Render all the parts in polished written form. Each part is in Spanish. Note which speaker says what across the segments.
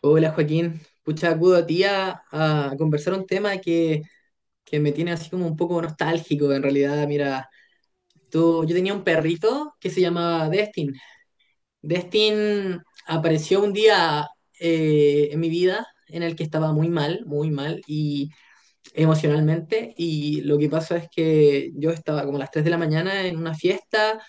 Speaker 1: Hola Joaquín, pucha, acudo a ti a conversar un tema que me tiene así como un poco nostálgico en realidad. Mira, tú, yo tenía un perrito que se llamaba Destin. Destin apareció un día en mi vida en el que estaba muy mal y emocionalmente. Y lo que pasó es que yo estaba como a las 3 de la mañana en una fiesta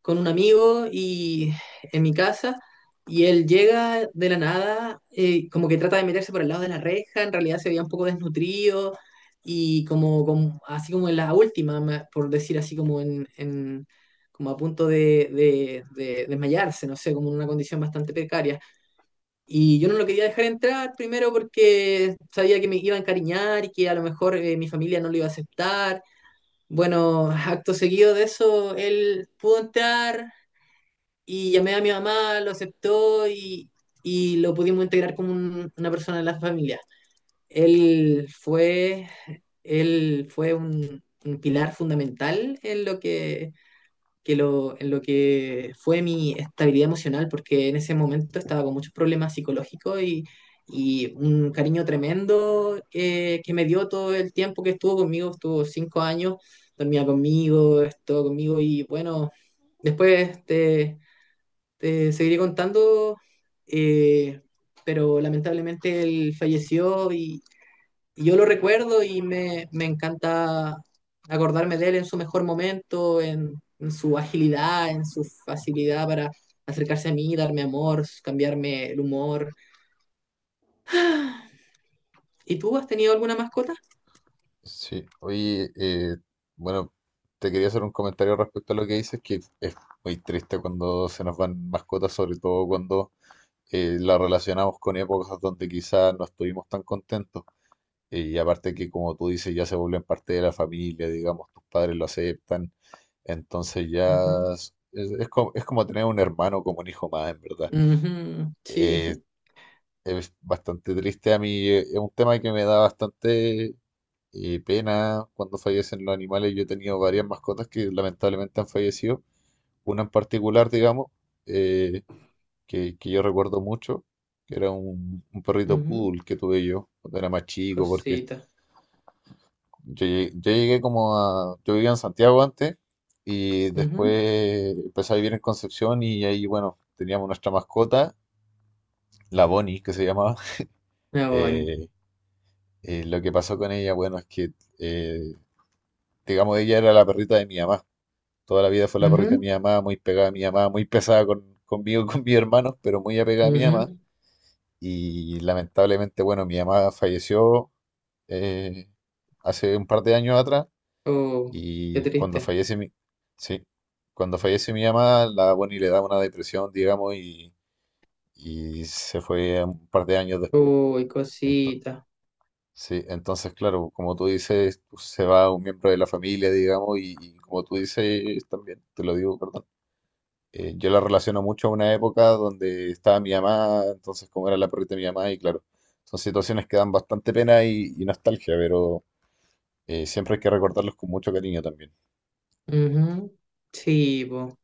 Speaker 1: con un amigo y en mi casa, y él llega de la nada, como que trata de meterse por el lado de la reja. En realidad se veía un poco desnutrido y así como en la última, por decir así como como a punto de desmayarse, no sé, como en una condición bastante precaria. Y yo no lo quería dejar entrar primero porque sabía que me iba a encariñar y que a lo mejor mi familia no lo iba a aceptar. Bueno, acto seguido de eso, él pudo entrar, y llamé a mi mamá, lo aceptó y lo pudimos integrar como una persona de la familia. Él fue, él fue un pilar fundamental en lo que fue mi estabilidad emocional, porque en ese momento estaba con muchos problemas psicológicos, y un cariño tremendo que me dio todo el tiempo que estuvo conmigo. Estuvo 5 años, dormía conmigo, estuvo conmigo, y bueno, después te seguiré contando, eh, pero lamentablemente él falleció, y yo lo recuerdo y me encanta acordarme de él en su mejor momento, en su agilidad, en su facilidad para acercarse a mí, darme amor, cambiarme el humor. ¿Y tú has tenido alguna mascota?
Speaker 2: Sí, oye, bueno, te quería hacer un comentario respecto a lo que dices, que es muy triste cuando se nos van mascotas, sobre todo cuando la relacionamos con épocas donde quizás no estuvimos tan contentos. Y aparte que, como tú dices, ya se vuelven parte de la familia, digamos, tus padres lo aceptan, entonces ya
Speaker 1: Ujú,
Speaker 2: es, es como, es como tener un hermano como un hijo más, en verdad.
Speaker 1: ujú,
Speaker 2: Eh,
Speaker 1: sí,
Speaker 2: es bastante triste a mí, es un tema que me da bastante pena cuando fallecen los animales. Yo he tenido varias mascotas que lamentablemente han fallecido. Una en particular, digamos, eh, que yo recuerdo mucho, que era un perrito
Speaker 1: ujú,
Speaker 2: poodle que tuve yo cuando era más chico, porque
Speaker 1: cosita.
Speaker 2: yo llegué como a... Yo vivía en Santiago antes y
Speaker 1: Ujú.
Speaker 2: después empecé a vivir en Concepción y ahí, bueno, teníamos nuestra mascota, la Bonnie, que se llamaba.
Speaker 1: Me voy.
Speaker 2: Eh, lo que pasó con ella, bueno, es que, eh, digamos, ella era la perrita de mi mamá. Toda la vida fue la perrita de
Speaker 1: Ujú,
Speaker 2: mi mamá, muy pegada a mi mamá, muy pesada conmigo, y con mis hermanos, pero muy apegada a mi mamá.
Speaker 1: ujú.
Speaker 2: Y lamentablemente, bueno, mi mamá falleció eh, hace un par de años atrás
Speaker 1: Oh, qué
Speaker 2: y
Speaker 1: triste.
Speaker 2: sí, cuando fallece mi mamá, la Bonnie le da una depresión, digamos, y se fue un par de años después.
Speaker 1: Uy,
Speaker 2: Entonces,
Speaker 1: cosita.
Speaker 2: sí, entonces, claro, como tú dices, pues, se va un miembro de la familia, digamos, y como tú dices también, te lo digo, perdón. Yo la relaciono mucho a una época donde estaba mi mamá, entonces como era la perrita de mi mamá, y claro, son situaciones que dan bastante pena y nostalgia, pero siempre hay que recordarlos con mucho cariño también,
Speaker 1: Ujú. Sí, po.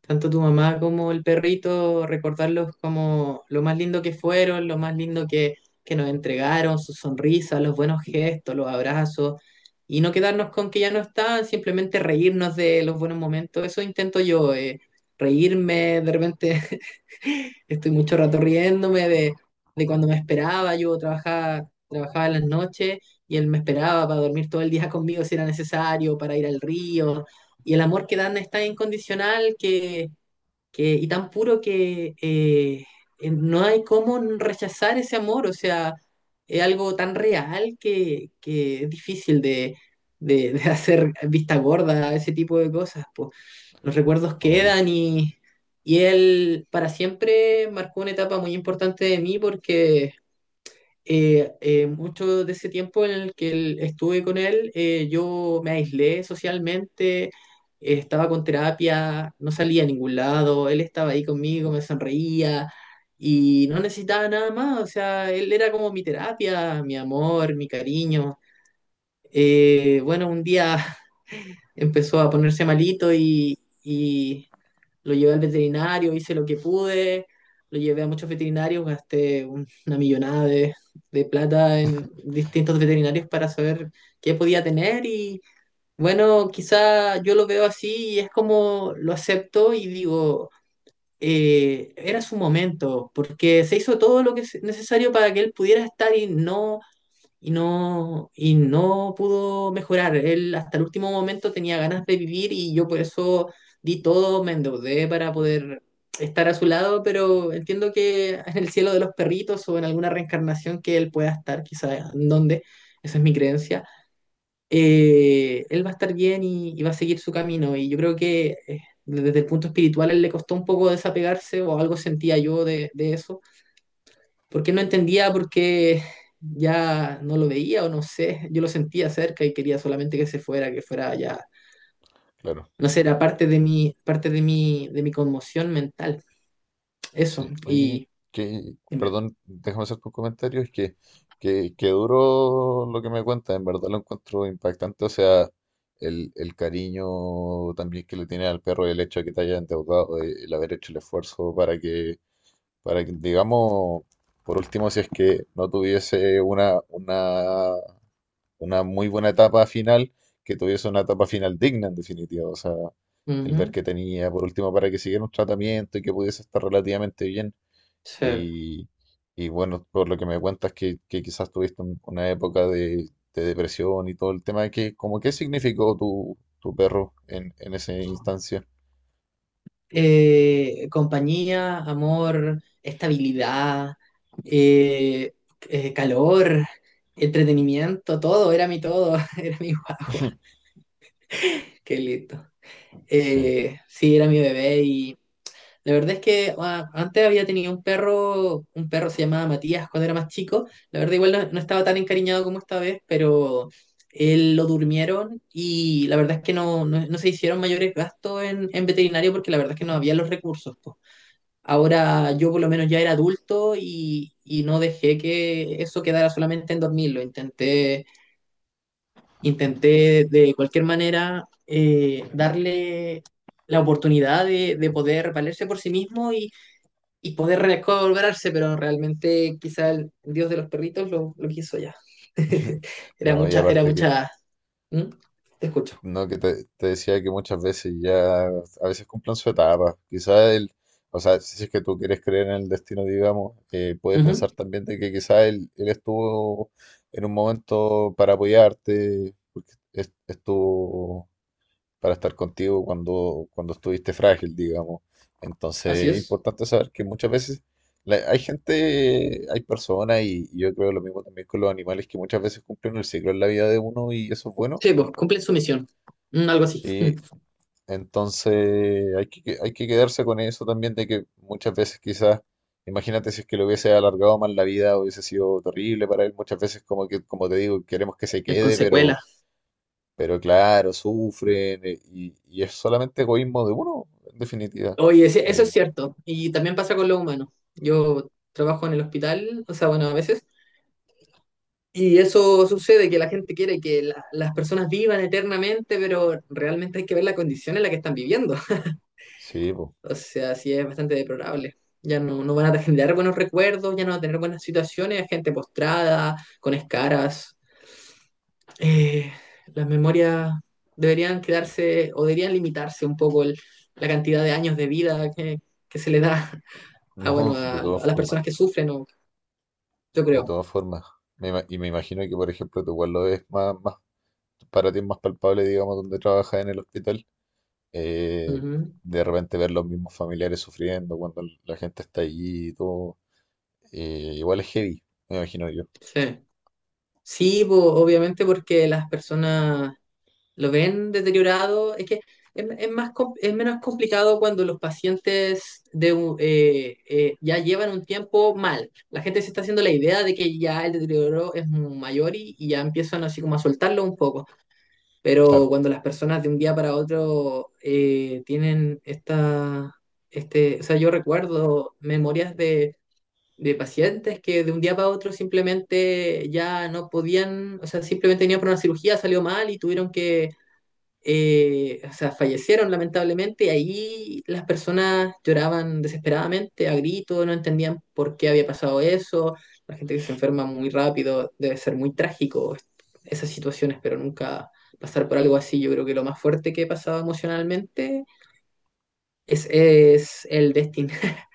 Speaker 1: Tanto tu mamá como el perrito, recordarlos como lo más lindo que fueron, lo más lindo que nos entregaron, sus sonrisas, los buenos gestos, los abrazos, y no quedarnos con que ya no están, simplemente reírnos de los buenos momentos. Eso intento yo, reírme, de repente estoy mucho rato riéndome de cuando me esperaba. Yo trabajaba en las noches, y él me esperaba para dormir todo el día conmigo si era necesario, para ir al río, y el amor que dan es tan incondicional y tan puro que no hay cómo rechazar ese amor. O sea, es algo tan real que es difícil de hacer vista gorda a ese tipo de cosas, po. Los recuerdos
Speaker 2: obvio,
Speaker 1: quedan, y él para siempre marcó una etapa muy importante de mí, porque mucho de ese tiempo en el que estuve con él, yo me aislé socialmente, estaba con terapia, no salía a ningún lado, él estaba ahí conmigo, me sonreía y no necesitaba nada más. O sea, él era como mi terapia, mi amor, mi cariño. Bueno, un día empezó a ponerse malito y lo llevé al veterinario, hice lo que pude, lo llevé a muchos veterinarios, gasté una millonada de plata en distintos veterinarios para saber qué podía tener. Y bueno, quizá yo lo veo así y es como lo acepto y digo, era su momento, porque se hizo todo lo que es necesario para que él pudiera estar y no pudo mejorar. Él hasta el último momento tenía ganas de vivir, y yo por eso di todo, me endeudé para poder estar a su lado, pero entiendo que en el cielo de los perritos, o en alguna reencarnación que él pueda estar, quizás en donde, esa es mi creencia, él va a estar bien, y va a seguir su camino. Y yo creo que desde el punto espiritual a él le costó un poco desapegarse, o algo sentía yo de eso, porque no entendía, porque ya no lo veía, o no sé, yo lo sentía cerca y quería solamente que se fuera, que fuera ya,
Speaker 2: claro.
Speaker 1: no sé, era parte de mi conmoción mental, eso,
Speaker 2: Sí, oye,
Speaker 1: y
Speaker 2: que,
Speaker 1: dime.
Speaker 2: perdón, déjame hacer tu comentario, es que, que duro lo que me cuentas, en verdad lo encuentro impactante, o sea, el cariño también que le tiene al perro y el hecho de que te haya endeudado, el haber hecho el esfuerzo para que. Para que, digamos, por último, si es que no tuviese una muy buena etapa final, que tuviese una etapa final digna, en definitiva. O sea, el ver
Speaker 1: Ujú,
Speaker 2: que tenía, por último, para que siguiera un tratamiento y que pudiese estar relativamente bien.
Speaker 1: sí.
Speaker 2: Y, y bueno, por lo que me cuentas, que quizás tuviste una época de depresión y todo el tema, que, como, ¿qué significó tu, tu perro en esa instancia?
Speaker 1: Compañía, amor, estabilidad, eh, calor, entretenimiento, todo, era mi todo, era mi guagua, qué lindo.
Speaker 2: Sí.
Speaker 1: Sí, era mi bebé. Y la verdad es que antes había tenido un perro se llamaba Matías cuando era más chico. La verdad, igual no estaba tan encariñado como esta vez, pero él lo durmieron, y la verdad es que no se hicieron mayores gastos en veterinario, porque la verdad es que no había los recursos, po. Ahora yo por lo menos ya era adulto, y no dejé que eso quedara solamente en dormirlo. Intenté de cualquier manera darle la oportunidad de poder valerse por sí mismo y poder recobrarse, pero realmente quizá el dios de los perritos lo quiso ya. Era
Speaker 2: No, y
Speaker 1: mucha, era
Speaker 2: aparte que.
Speaker 1: mucha. ¿Mm? Te escucho.
Speaker 2: No, que te decía que muchas veces ya, a veces cumplen su etapa. Quizás el, o sea, si es que tú quieres creer en el destino, digamos, puedes
Speaker 1: Ujú.
Speaker 2: pensar también de que quizás él estuvo en un momento para apoyarte, porque estuvo para estar contigo cuando, cuando estuviste frágil, digamos.
Speaker 1: Así
Speaker 2: Entonces, es
Speaker 1: es.
Speaker 2: importante saber que muchas veces hay gente, hay personas, y yo creo lo mismo también con los animales, que muchas veces cumplen el ciclo en la vida de uno y eso es bueno.
Speaker 1: Sí, pues cumplen su misión. Mm, algo así.
Speaker 2: Sí,
Speaker 1: Mm.
Speaker 2: entonces hay que quedarse con eso también de que muchas veces quizás, imagínate si es que le hubiese alargado más la vida, hubiese sido terrible para él. Muchas veces como que, como te digo, queremos que se
Speaker 1: En
Speaker 2: quede,
Speaker 1: consecuela.
Speaker 2: pero claro, sufren y es solamente egoísmo de uno, en definitiva.
Speaker 1: Oye, sí, eso es
Speaker 2: Eh,
Speaker 1: cierto. Y también pasa con los humanos. Yo trabajo en el hospital, o sea, bueno, a veces. Y eso sucede, que la gente quiere que las personas vivan eternamente, pero realmente hay que ver la condición en la que están viviendo.
Speaker 2: sí, pues,
Speaker 1: O sea, sí es bastante deplorable. Ya no van a generar buenos recuerdos, ya no van a tener buenas situaciones, gente postrada, con escaras. Eh, las memorias deberían quedarse, o deberían limitarse un poco la cantidad de años de vida que se le da a,
Speaker 2: no,
Speaker 1: bueno,
Speaker 2: de
Speaker 1: a, a
Speaker 2: todas
Speaker 1: las
Speaker 2: formas,
Speaker 1: personas que sufren, yo
Speaker 2: de
Speaker 1: creo.
Speaker 2: todas formas. Y me imagino que, por ejemplo, tu igual lo es más, más, para ti es más palpable, digamos, donde trabajas en el hospital eh,
Speaker 1: Ujú.
Speaker 2: de repente ver los mismos familiares sufriendo cuando la gente está allí y todo, igual es heavy, me imagino yo.
Speaker 1: Sí, sí, po, obviamente, porque las personas lo ven deteriorado. Es que es más, es menos complicado cuando los pacientes ya llevan un tiempo mal. La gente se está haciendo la idea de que ya el deterioro es mayor, y ya empiezan así como a soltarlo un poco. Pero
Speaker 2: Claro,
Speaker 1: cuando las personas de un día para otro tienen o sea, yo recuerdo memorias de. De pacientes que de un día para otro simplemente ya no podían, o sea, simplemente tenían por una cirugía, salió mal y tuvieron que, o sea, fallecieron lamentablemente, y ahí las personas lloraban desesperadamente, a gritos, no entendían por qué había pasado eso. La gente que se enferma muy rápido, debe ser muy trágico esas situaciones, pero nunca pasar por algo así, yo creo que lo más fuerte que he pasado emocionalmente es el destino.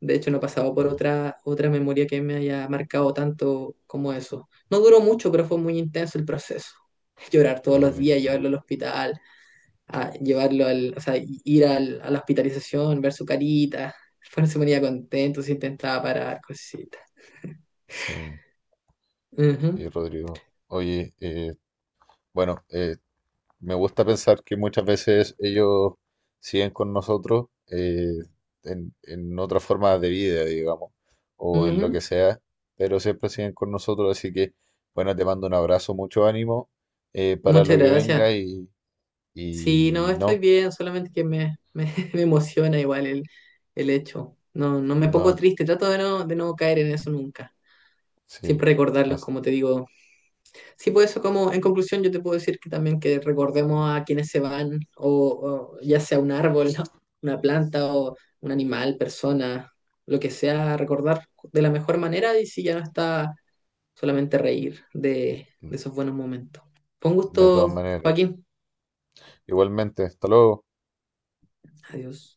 Speaker 1: De hecho, no he pasado por
Speaker 2: no,
Speaker 1: otra memoria que me haya marcado tanto como eso. No duró mucho, pero fue muy intenso el proceso. Llorar todos
Speaker 2: no,
Speaker 1: los
Speaker 2: me
Speaker 1: días,
Speaker 2: imagino.
Speaker 1: llevarlo al hospital, o sea, ir a la hospitalización, ver su carita. Después no se ponía contento, se intentaba parar, cositas.
Speaker 2: Sí,
Speaker 1: Ujú,
Speaker 2: sí, Rodrigo. Oye, bueno, eh, me gusta pensar que muchas veces ellos siguen con nosotros en otra forma de vida, digamos, o en lo
Speaker 1: ujú.
Speaker 2: que sea, pero siempre siguen con nosotros, así que, bueno, te mando un abrazo, mucho ánimo para lo
Speaker 1: Muchas
Speaker 2: que
Speaker 1: gracias.
Speaker 2: venga
Speaker 1: Sí, no,
Speaker 2: y
Speaker 1: estoy
Speaker 2: no,
Speaker 1: bien, solamente que me emociona igual el hecho. No, no me pongo
Speaker 2: no,
Speaker 1: triste, trato de no caer en eso nunca.
Speaker 2: sí.
Speaker 1: Siempre recordarlos,
Speaker 2: as-
Speaker 1: como te digo. Sí, pues eso, como en conclusión, yo te puedo decir que también que recordemos a quienes se van, o ya sea un árbol, ¿no? Una planta, o un animal, persona, lo que sea, recordar de la mejor manera, y si ya no está, solamente reír de esos buenos momentos. Con
Speaker 2: de todas
Speaker 1: gusto,
Speaker 2: maneras.
Speaker 1: Joaquín.
Speaker 2: Igualmente, hasta luego.
Speaker 1: Adiós.